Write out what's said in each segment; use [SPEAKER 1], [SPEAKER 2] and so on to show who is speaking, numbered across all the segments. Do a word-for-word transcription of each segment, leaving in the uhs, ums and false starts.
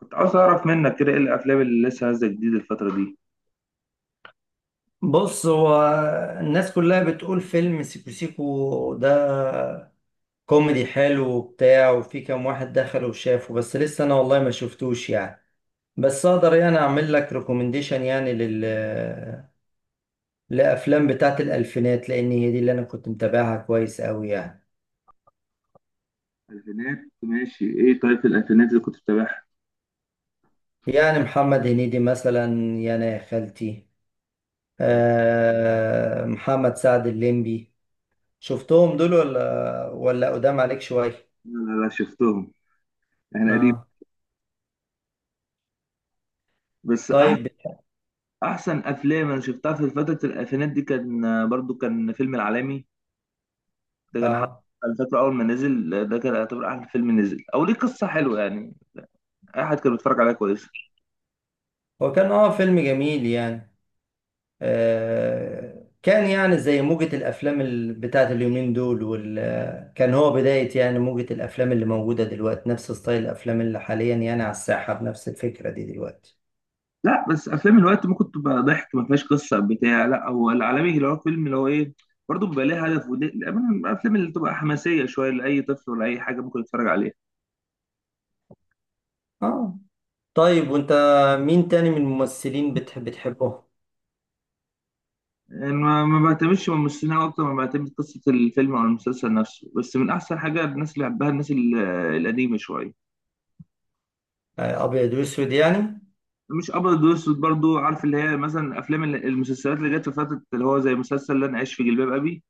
[SPEAKER 1] كنت عاوز اعرف منك كده ايه الافلام اللي لسه نازله جديد الفتره دي؟
[SPEAKER 2] بص هو الناس كلها بتقول فيلم سيكو سيكو ده كوميدي حلو وبتاع، وفي كام واحد دخل وشافه، بس لسه انا والله ما شفتوش يعني. بس اقدر يعني اعمل لك ريكومنديشن يعني لل لافلام بتاعت الالفينات، لان هي دي اللي انا كنت متابعها كويس قوي يعني.
[SPEAKER 1] الفينات، ماشي. ايه طيب الالفينات اللي كنت بتابعها؟
[SPEAKER 2] يعني محمد هنيدي مثلا، يا انا يا خالتي، آه محمد سعد الليمبي. شفتهم دول ولا ولا قدام عليك شوية؟
[SPEAKER 1] لا، لا، لا، شفتهم. احنا قديم.
[SPEAKER 2] اه.
[SPEAKER 1] بس أح
[SPEAKER 2] طيب.
[SPEAKER 1] احسن افلام انا شفتها في فتره الالفينات دي كان آه، برضو كان فيلم العالمي. ده كان حد.
[SPEAKER 2] اه
[SPEAKER 1] انا فاكره اول ما نزل، آه، ده كان يعتبر احلى فيلم نزل او ليه قصه حلوه يعني. اي حد كان بيتفرج عليها كويس.
[SPEAKER 2] هو كان اه فيلم جميل يعني. آه كان يعني زي موجة الأفلام ال- بتاعت اليومين دول وال آه، كان هو بداية يعني موجة الأفلام اللي موجودة دلوقتي، نفس ستايل الأفلام اللي حاليا يعني على الساحة بنفس الفكرة دي دلوقتي.
[SPEAKER 1] لا بس افلام الوقت ممكن تبقى ضحك ما فيهاش قصه بتاع، لا هو العالمي اللي هو فيلم اللي هو ايه، برضه بيبقى ليه هدف، ودي الأمانة الافلام اللي بتبقى حماسيه شويه لاي طفل ولا اي حاجه ممكن يتفرج عليها.
[SPEAKER 2] اه. طيب وأنت مين تاني من الممثلين بتحب بتحبه؟
[SPEAKER 1] يعني ما ما بعتمدش من الممثلين اكتر ما بعتمد قصه الفيلم او المسلسل نفسه، بس من احسن حاجه الناس اللي بحبها الناس ال- القديمه شويه.
[SPEAKER 2] آه أبيض وأسود يعني.
[SPEAKER 1] مش ابيض واسود برضه، عارف اللي هي مثلا افلام ال- المسلسلات اللي جت في فتره اللي هو زي مسلسل اللي انا عايش في جلباب ابي.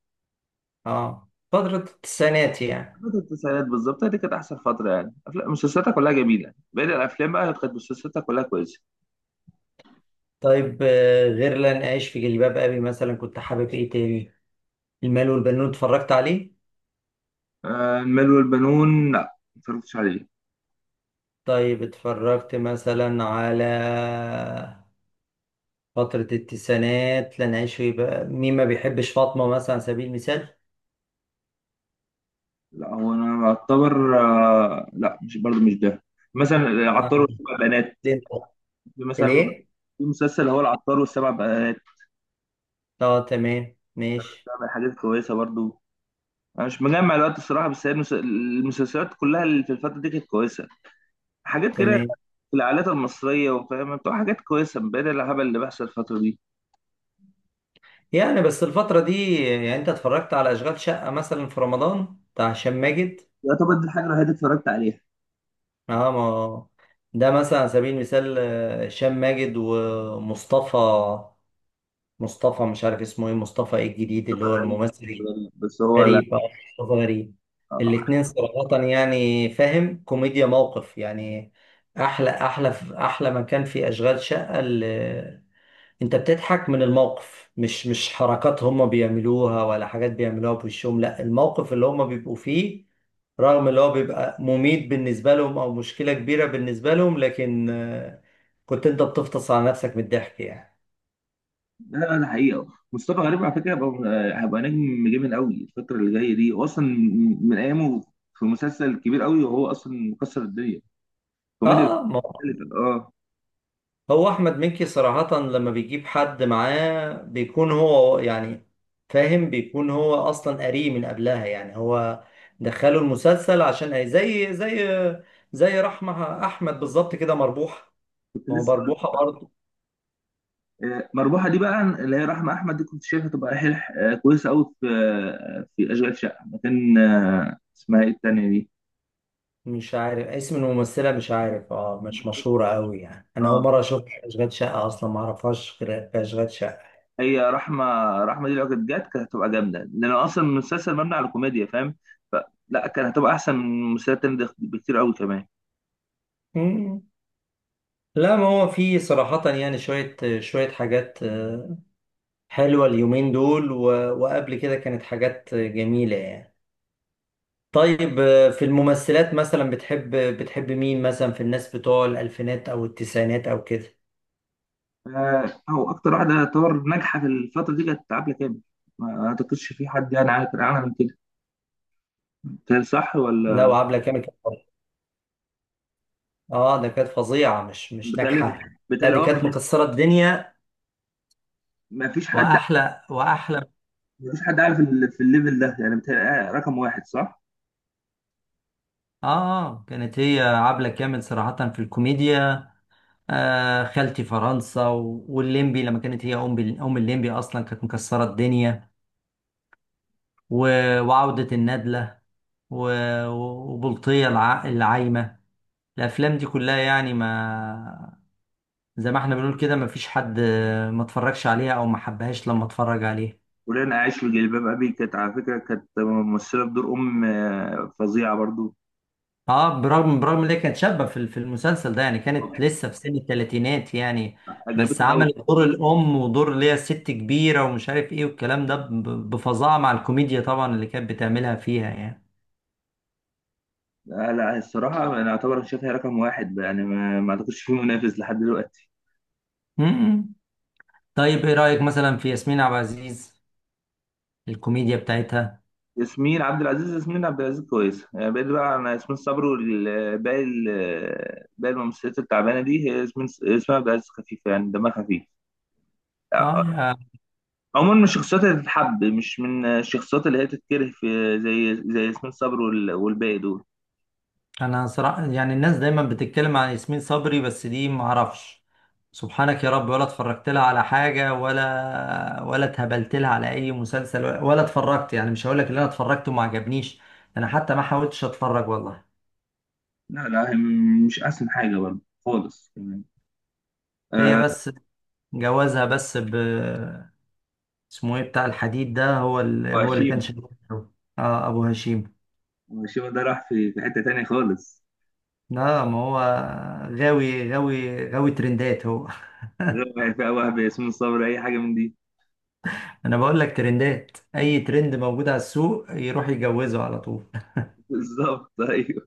[SPEAKER 2] اه فترة التسعينات يعني.
[SPEAKER 1] فترة التسعينات بالظبط، هي دي كانت أحسن فترة، يعني أفلام مسلسلاتها كلها جميلة، باقي الأفلام بقى كانت مسلسلاتها كلها كويسة.
[SPEAKER 2] طيب آه غير لن أعيش في جلباب أبي مثلا، كنت حابب إيه تاني؟ المال والبنون اتفرجت عليه؟
[SPEAKER 1] آه المال والبنون، لا ما اتفرجتش عليه.
[SPEAKER 2] طيب اتفرجت مثلا على فترة التسعينات، لن أعيش في بقى، مين ما بيحبش فاطمة مثلا على سبيل المثال.
[SPEAKER 1] لا هو أنا أعتبر، آه لا مش برضه مش ده. مثلا العطار
[SPEAKER 2] آه.
[SPEAKER 1] والسبع بنات.
[SPEAKER 2] ليه؟
[SPEAKER 1] في مثلا،
[SPEAKER 2] ليه؟
[SPEAKER 1] في مسلسل هو العطار والسبع بنات.
[SPEAKER 2] اه تمام ماشي.
[SPEAKER 1] ده من الحاجات الكويسة برضه. أنا مش مجمع الوقت الصراحة، بس هي المس- المسلسلات كلها اللي في الفترة دي كانت كويسة. حاجات كده
[SPEAKER 2] تمام.
[SPEAKER 1] في العائلات المصرية وفاهم بتبقى حاجات كويسة بدل الهبل اللي بيحصل الفترة دي.
[SPEAKER 2] يعني بس الفترة دي، يعني أنت اتفرجت على أشغال شقة مثلا في رمضان بتاع هشام ماجد؟
[SPEAKER 1] يعتبر دي الحاجة الوحيدة اللي اتفرجت عليها.
[SPEAKER 2] اه ما ده مثلا على سبيل المثال آه، هشام ماجد ومصطفى، مصطفى مش عارف اسمه ايه، مصطفى ايه الجديد اللي
[SPEAKER 1] مصطفى
[SPEAKER 2] هو
[SPEAKER 1] غريب.
[SPEAKER 2] الممثل؟
[SPEAKER 1] غريب بس هو لا.
[SPEAKER 2] غريب، اه مصطفى غريب.
[SPEAKER 1] آه.
[SPEAKER 2] الاتنين صراحة يعني فاهم، كوميديا موقف يعني. أحلى أحلى، أحلى ما كان في أشغال شقة، اللي أنت بتضحك من الموقف، مش مش حركات هما بيعملوها ولا حاجات بيعملوها بوشهم، لا الموقف اللي هما بيبقوا فيه، رغم اللي هو بيبقى مميت بالنسبة لهم أو مشكلة كبيرة بالنسبة لهم، لكن آه، كنت أنت بتفطس على نفسك من الضحك يعني.
[SPEAKER 1] لا لا، ده حقيقة. مصطفى غريب على فكرة هيبقى هيبقى نجم جامد قوي الفترة اللي جاية دي، هو أصلا من أيامه في مسلسل كبير قوي، وهو أصلا مكسر الدنيا كوميديا
[SPEAKER 2] آه.
[SPEAKER 1] مختلفة. اه،
[SPEAKER 2] هو احمد مكي صراحة لما بيجيب حد معاه بيكون هو يعني فاهم، بيكون هو اصلا قاريه من قبلها يعني، هو دخله المسلسل عشان زي زي زي رحمة احمد بالظبط كده، مربوحة.
[SPEAKER 1] كنت
[SPEAKER 2] ما هو
[SPEAKER 1] لسه أقول
[SPEAKER 2] مربوحة
[SPEAKER 1] لك.
[SPEAKER 2] برضه.
[SPEAKER 1] آه، مربوحة دي بقى اللي هي رحمة أحمد، دي كنت شايفها تبقى حلح آه، كويسة قوي في، آه، في أشغال شقة، مكان آه، اسمها إيه التانية دي؟
[SPEAKER 2] مش عارف اسم الممثلة، مش عارف، اه مش مشهورة قوي يعني، انا اول
[SPEAKER 1] اه،
[SPEAKER 2] مرة اشوف اشغال شقة اصلا، ما اعرفهاش غير في اشغال شقة.
[SPEAKER 1] هي رحمة. رحمة دي لو كانت جت كانت هتبقى جامدة، لأن أصلا المسلسل مبني على كوميديا فاهم، فلا كانت هتبقى أحسن من المسلسلات التانية ده بكتير أوي كمان.
[SPEAKER 2] مم. لا ما هو في صراحة يعني شوية شوية حاجات آه، حلوة اليومين دول، و... وقبل كده كانت حاجات جميلة يعني. طيب آه، في الممثلات مثلا بتحب بتحب مين مثلا في الناس بتوع الألفينات أو التسعينات أو كده؟
[SPEAKER 1] آه، هو أكتر واحدة يعتبر ناجحة في الفترة دي كانت عبلة كامل. ما أعتقدش في حد يعني عارف عنها من كده، بتهيألي صح
[SPEAKER 2] لا
[SPEAKER 1] ولا؟
[SPEAKER 2] وعبلة كامل كانت فظيعة. اه ده كانت فظيعة، مش مش
[SPEAKER 1] بتهيألي
[SPEAKER 2] ناجحة. لا
[SPEAKER 1] بتهيألي
[SPEAKER 2] دي
[SPEAKER 1] أه.
[SPEAKER 2] كانت مكسرة الدنيا.
[SPEAKER 1] ما فيش حد
[SPEAKER 2] وأحلى وأحلى.
[SPEAKER 1] ما فيش حد عارف ال- في الليفل ده، يعني بتهيألي آه، رقم واحد صح؟
[SPEAKER 2] آه، آه، كانت هي عبلة كامل صراحة في الكوميديا. آه خالتي فرنسا و- والليمبي، لما كانت هي أم بال- أم الليمبي، أصلا كانت مكسرة الدنيا. و- وعودة الندلة، و- وبلطية الع- العايمة. الأفلام دي كلها يعني، ما زي ما احنا بنقول كده، ما فيش حد ما اتفرجش عليها أو ما حبهاش لما اتفرج عليها.
[SPEAKER 1] ولأن عايش في جلباب أبي كانت على فكرة كانت ممثلة بدور أم آه، فظيعة برضو.
[SPEAKER 2] اه، برغم برغم ان هي كانت شابة في في المسلسل ده يعني، كانت لسه في سن الثلاثينات يعني، بس
[SPEAKER 1] عجبتني أوي.
[SPEAKER 2] عملت دور الأم ودور اللي هي ست كبيرة ومش عارف ايه والكلام ده ب- بفظاعة مع الكوميديا طبعا اللي كانت بتعملها فيها يعني.
[SPEAKER 1] لا لا، الصراحة أنا أعتبر شايفها رقم واحد بقى، يعني ما ما أعتقدش فيه منافس لحد دلوقتي.
[SPEAKER 2] م- م. طيب ايه رأيك مثلا في ياسمين عبد العزيز، الكوميديا بتاعتها؟
[SPEAKER 1] ياسمين عبد العزيز ياسمين عبد العزيز كويسة يعني، بقيت بقى أنا ياسمين صبري والباقي ال- باقي الممثلات التعبانة دي، هي ياسمين ياسمين عبد العزيز خفيفة يعني، دمها خفيف. آه،
[SPEAKER 2] اه
[SPEAKER 1] آه،
[SPEAKER 2] يا
[SPEAKER 1] عموما من الشخصيات اللي تتحب، مش من الشخصيات اللي هي تتكره في زي زي ياسمين صبري وال- والباقي دول.
[SPEAKER 2] انا صراحة يعني الناس دايما بتتكلم عن ياسمين صبري، بس دي ما اعرفش، سبحانك يا رب، ولا اتفرجت لها على حاجة ولا ولا اتهبلت لها على اي مسلسل ولا ولا اتفرجت يعني، مش هقول لك اللي انا اتفرجت وما عجبنيش، انا حتى ما حاولتش اتفرج والله.
[SPEAKER 1] لا لا، هي م- مش أحسن حاجة برضه خالص كمان.
[SPEAKER 2] هي
[SPEAKER 1] آه.
[SPEAKER 2] بس جوازها بس ب، اسمه ايه بتاع الحديد ده، هو اللي هو اللي كان
[SPEAKER 1] وهشيم.
[SPEAKER 2] شغال. اه ابو هشيم.
[SPEAKER 1] وهشيم ده راح في في حتة تانية خالص،
[SPEAKER 2] لا ما هو غاوي، غاوي غاوي ترندات هو.
[SPEAKER 1] غير فيها وهب ياسمين صبري اي حاجه من دي.
[SPEAKER 2] انا بقول لك، ترندات، اي ترند موجود على السوق يروح يجوزه على طول.
[SPEAKER 1] بالظبط ايوه.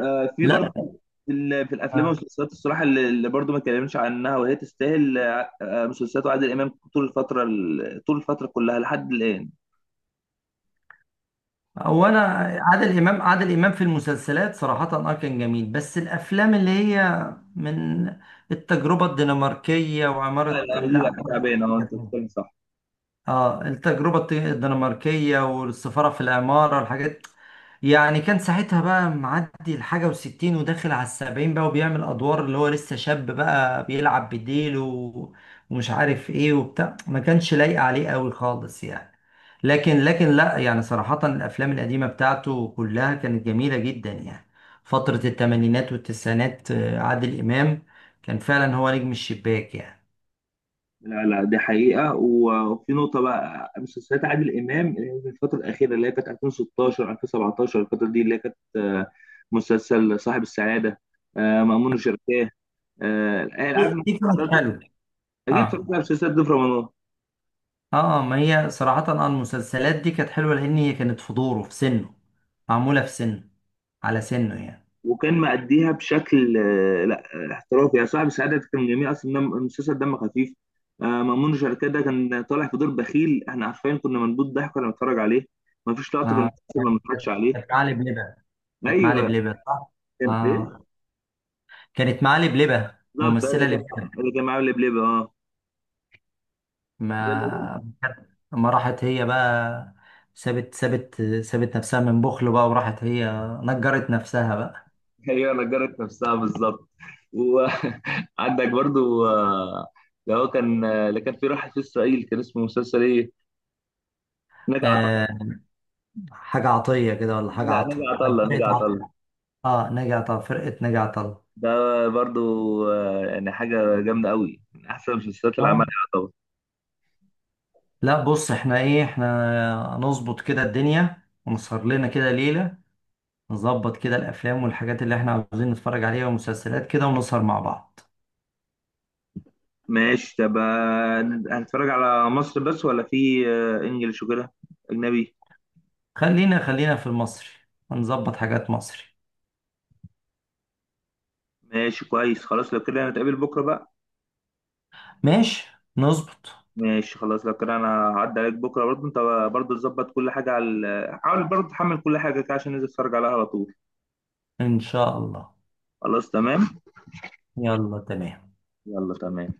[SPEAKER 1] آه في
[SPEAKER 2] لا
[SPEAKER 1] برضه في ال- في الافلام والمسلسلات الصراحه اللي اللي برضه ما اتكلمنش عنها وهي تستاهل، آه، آه، مسلسلات وعادل امام طول الفتره ال- طول الفتره كلها لحد الان.
[SPEAKER 2] هو انا، عادل امام عادل امام في المسلسلات صراحة اه كان جميل، بس الافلام اللي هي من التجربة الدنماركية
[SPEAKER 1] لا
[SPEAKER 2] وعمارة،
[SPEAKER 1] لا دي،
[SPEAKER 2] لا
[SPEAKER 1] لا
[SPEAKER 2] عمارة
[SPEAKER 1] تعبان اه، انت
[SPEAKER 2] يعقوبيان.
[SPEAKER 1] بتتكلم صح.
[SPEAKER 2] اه التجربة الت- الدنماركية، والسفارة في العمارة، الحاجات يعني كان ساعتها بقى معدي الحاجة وستين وداخل على السبعين بقى، وبيعمل أدوار اللي هو لسه شاب بقى بيلعب بديل و... ومش عارف ايه وبتاع، ما كانش لايق عليه قوي خالص يعني. لكن لكن لا يعني صراحة الأفلام القديمة بتاعته كلها كانت جميلة جدا يعني، فترة التمانينات والتسعينات، آه، عادل إمام كان فعلا هو نجم الشباك يعني.
[SPEAKER 1] لا لا دي حقيقه، و- وفي نقطه بقى مسلسلات عادل امام اللي هي في الفتره الاخيره اللي هي كانت ألفين وستاشر ألفين وسبعة عشر الفتره دي اللي هي كانت، آه، مسلسل صاحب السعاده، آه، مأمون وشركاه، آه،
[SPEAKER 2] دي
[SPEAKER 1] عارف
[SPEAKER 2] دي كانت حلوة.
[SPEAKER 1] اجيب
[SPEAKER 2] اه.
[SPEAKER 1] فكها في سيد ضيف رمضان.
[SPEAKER 2] اه ما هي صراحة أنا المسلسلات دي كانت حلوة لأن هي كانت في دوره، في سنه معمولة، في سنه على سنه يعني.
[SPEAKER 1] وكان مأديها بشكل آه، لا، آه، احترافي، يا صاحب سعادة كان جميل اصلا، دم- المسلسل دم خفيف. آه، مأمون شركات ده كان طالع في دور بخيل احنا عارفين، كنا منبوط ضحك وانا بنتفرج عليه، ما فيش لقطة في
[SPEAKER 2] اه
[SPEAKER 1] المسلسل ما
[SPEAKER 2] كانت
[SPEAKER 1] بنتفرجش عليه.
[SPEAKER 2] كانت معاه لبلبة، كانت معاه
[SPEAKER 1] ايوه.
[SPEAKER 2] لبلبة صح؟
[SPEAKER 1] كان ايه؟
[SPEAKER 2] اه كانت معاه لبلبة،
[SPEAKER 1] بالظبط، اللي
[SPEAKER 2] ممثلة
[SPEAKER 1] كان
[SPEAKER 2] لبلبة.
[SPEAKER 1] اللي كان معاه لبلبة، اه.
[SPEAKER 2] ما ما راحت هي بقى، سابت سابت سابت نفسها من بخل بقى وراحت هي نجرت نفسها بقى.
[SPEAKER 1] هي نجرت نفسها بالظبط، وعندك. برضو، آه، اللي هو كان، آه، اللي كان في راح في اسرائيل كان اسمه مسلسل ايه، نجا
[SPEAKER 2] آه
[SPEAKER 1] عطله.
[SPEAKER 2] حاجة عطية كده ولا حاجة
[SPEAKER 1] لا،
[SPEAKER 2] عطا،
[SPEAKER 1] نجا عطله
[SPEAKER 2] فرقة
[SPEAKER 1] نجا
[SPEAKER 2] عطا،
[SPEAKER 1] عطله
[SPEAKER 2] اه نجا عطا، فرقة نجا عطا.
[SPEAKER 1] ده برضو آه، يعني حاجة جامدة قوي، من أحسن المسلسلات اللي عملها طبعا.
[SPEAKER 2] لا بص احنا ايه، احنا نظبط كده الدنيا، ونسهر لنا كده ليلة، نظبط كده الافلام والحاجات اللي احنا عاوزين نتفرج عليها ومسلسلات كده، ونسهر مع بعض.
[SPEAKER 1] ماشي طب، آه، هنتفرج على مصر بس ولا في آه، إنجلش وكده، أجنبي؟
[SPEAKER 2] خلينا خلينا في المصري، ونظبط حاجات مصري.
[SPEAKER 1] ماشي كويس خلاص، لو كده هنتقابل بكرة بقى.
[SPEAKER 2] ماشي، نظبط،
[SPEAKER 1] ماشي خلاص، لو كده أنا هعدي عليك بكرة برضو. أنت برضو تظبط كل حاجة على ال- حاول برضو تحمل كل حاجة كده عشان ننزل نتفرج عليها على طول.
[SPEAKER 2] ان شاء الله.
[SPEAKER 1] خلاص تمام.
[SPEAKER 2] يلا تمام.
[SPEAKER 1] يلا تمام.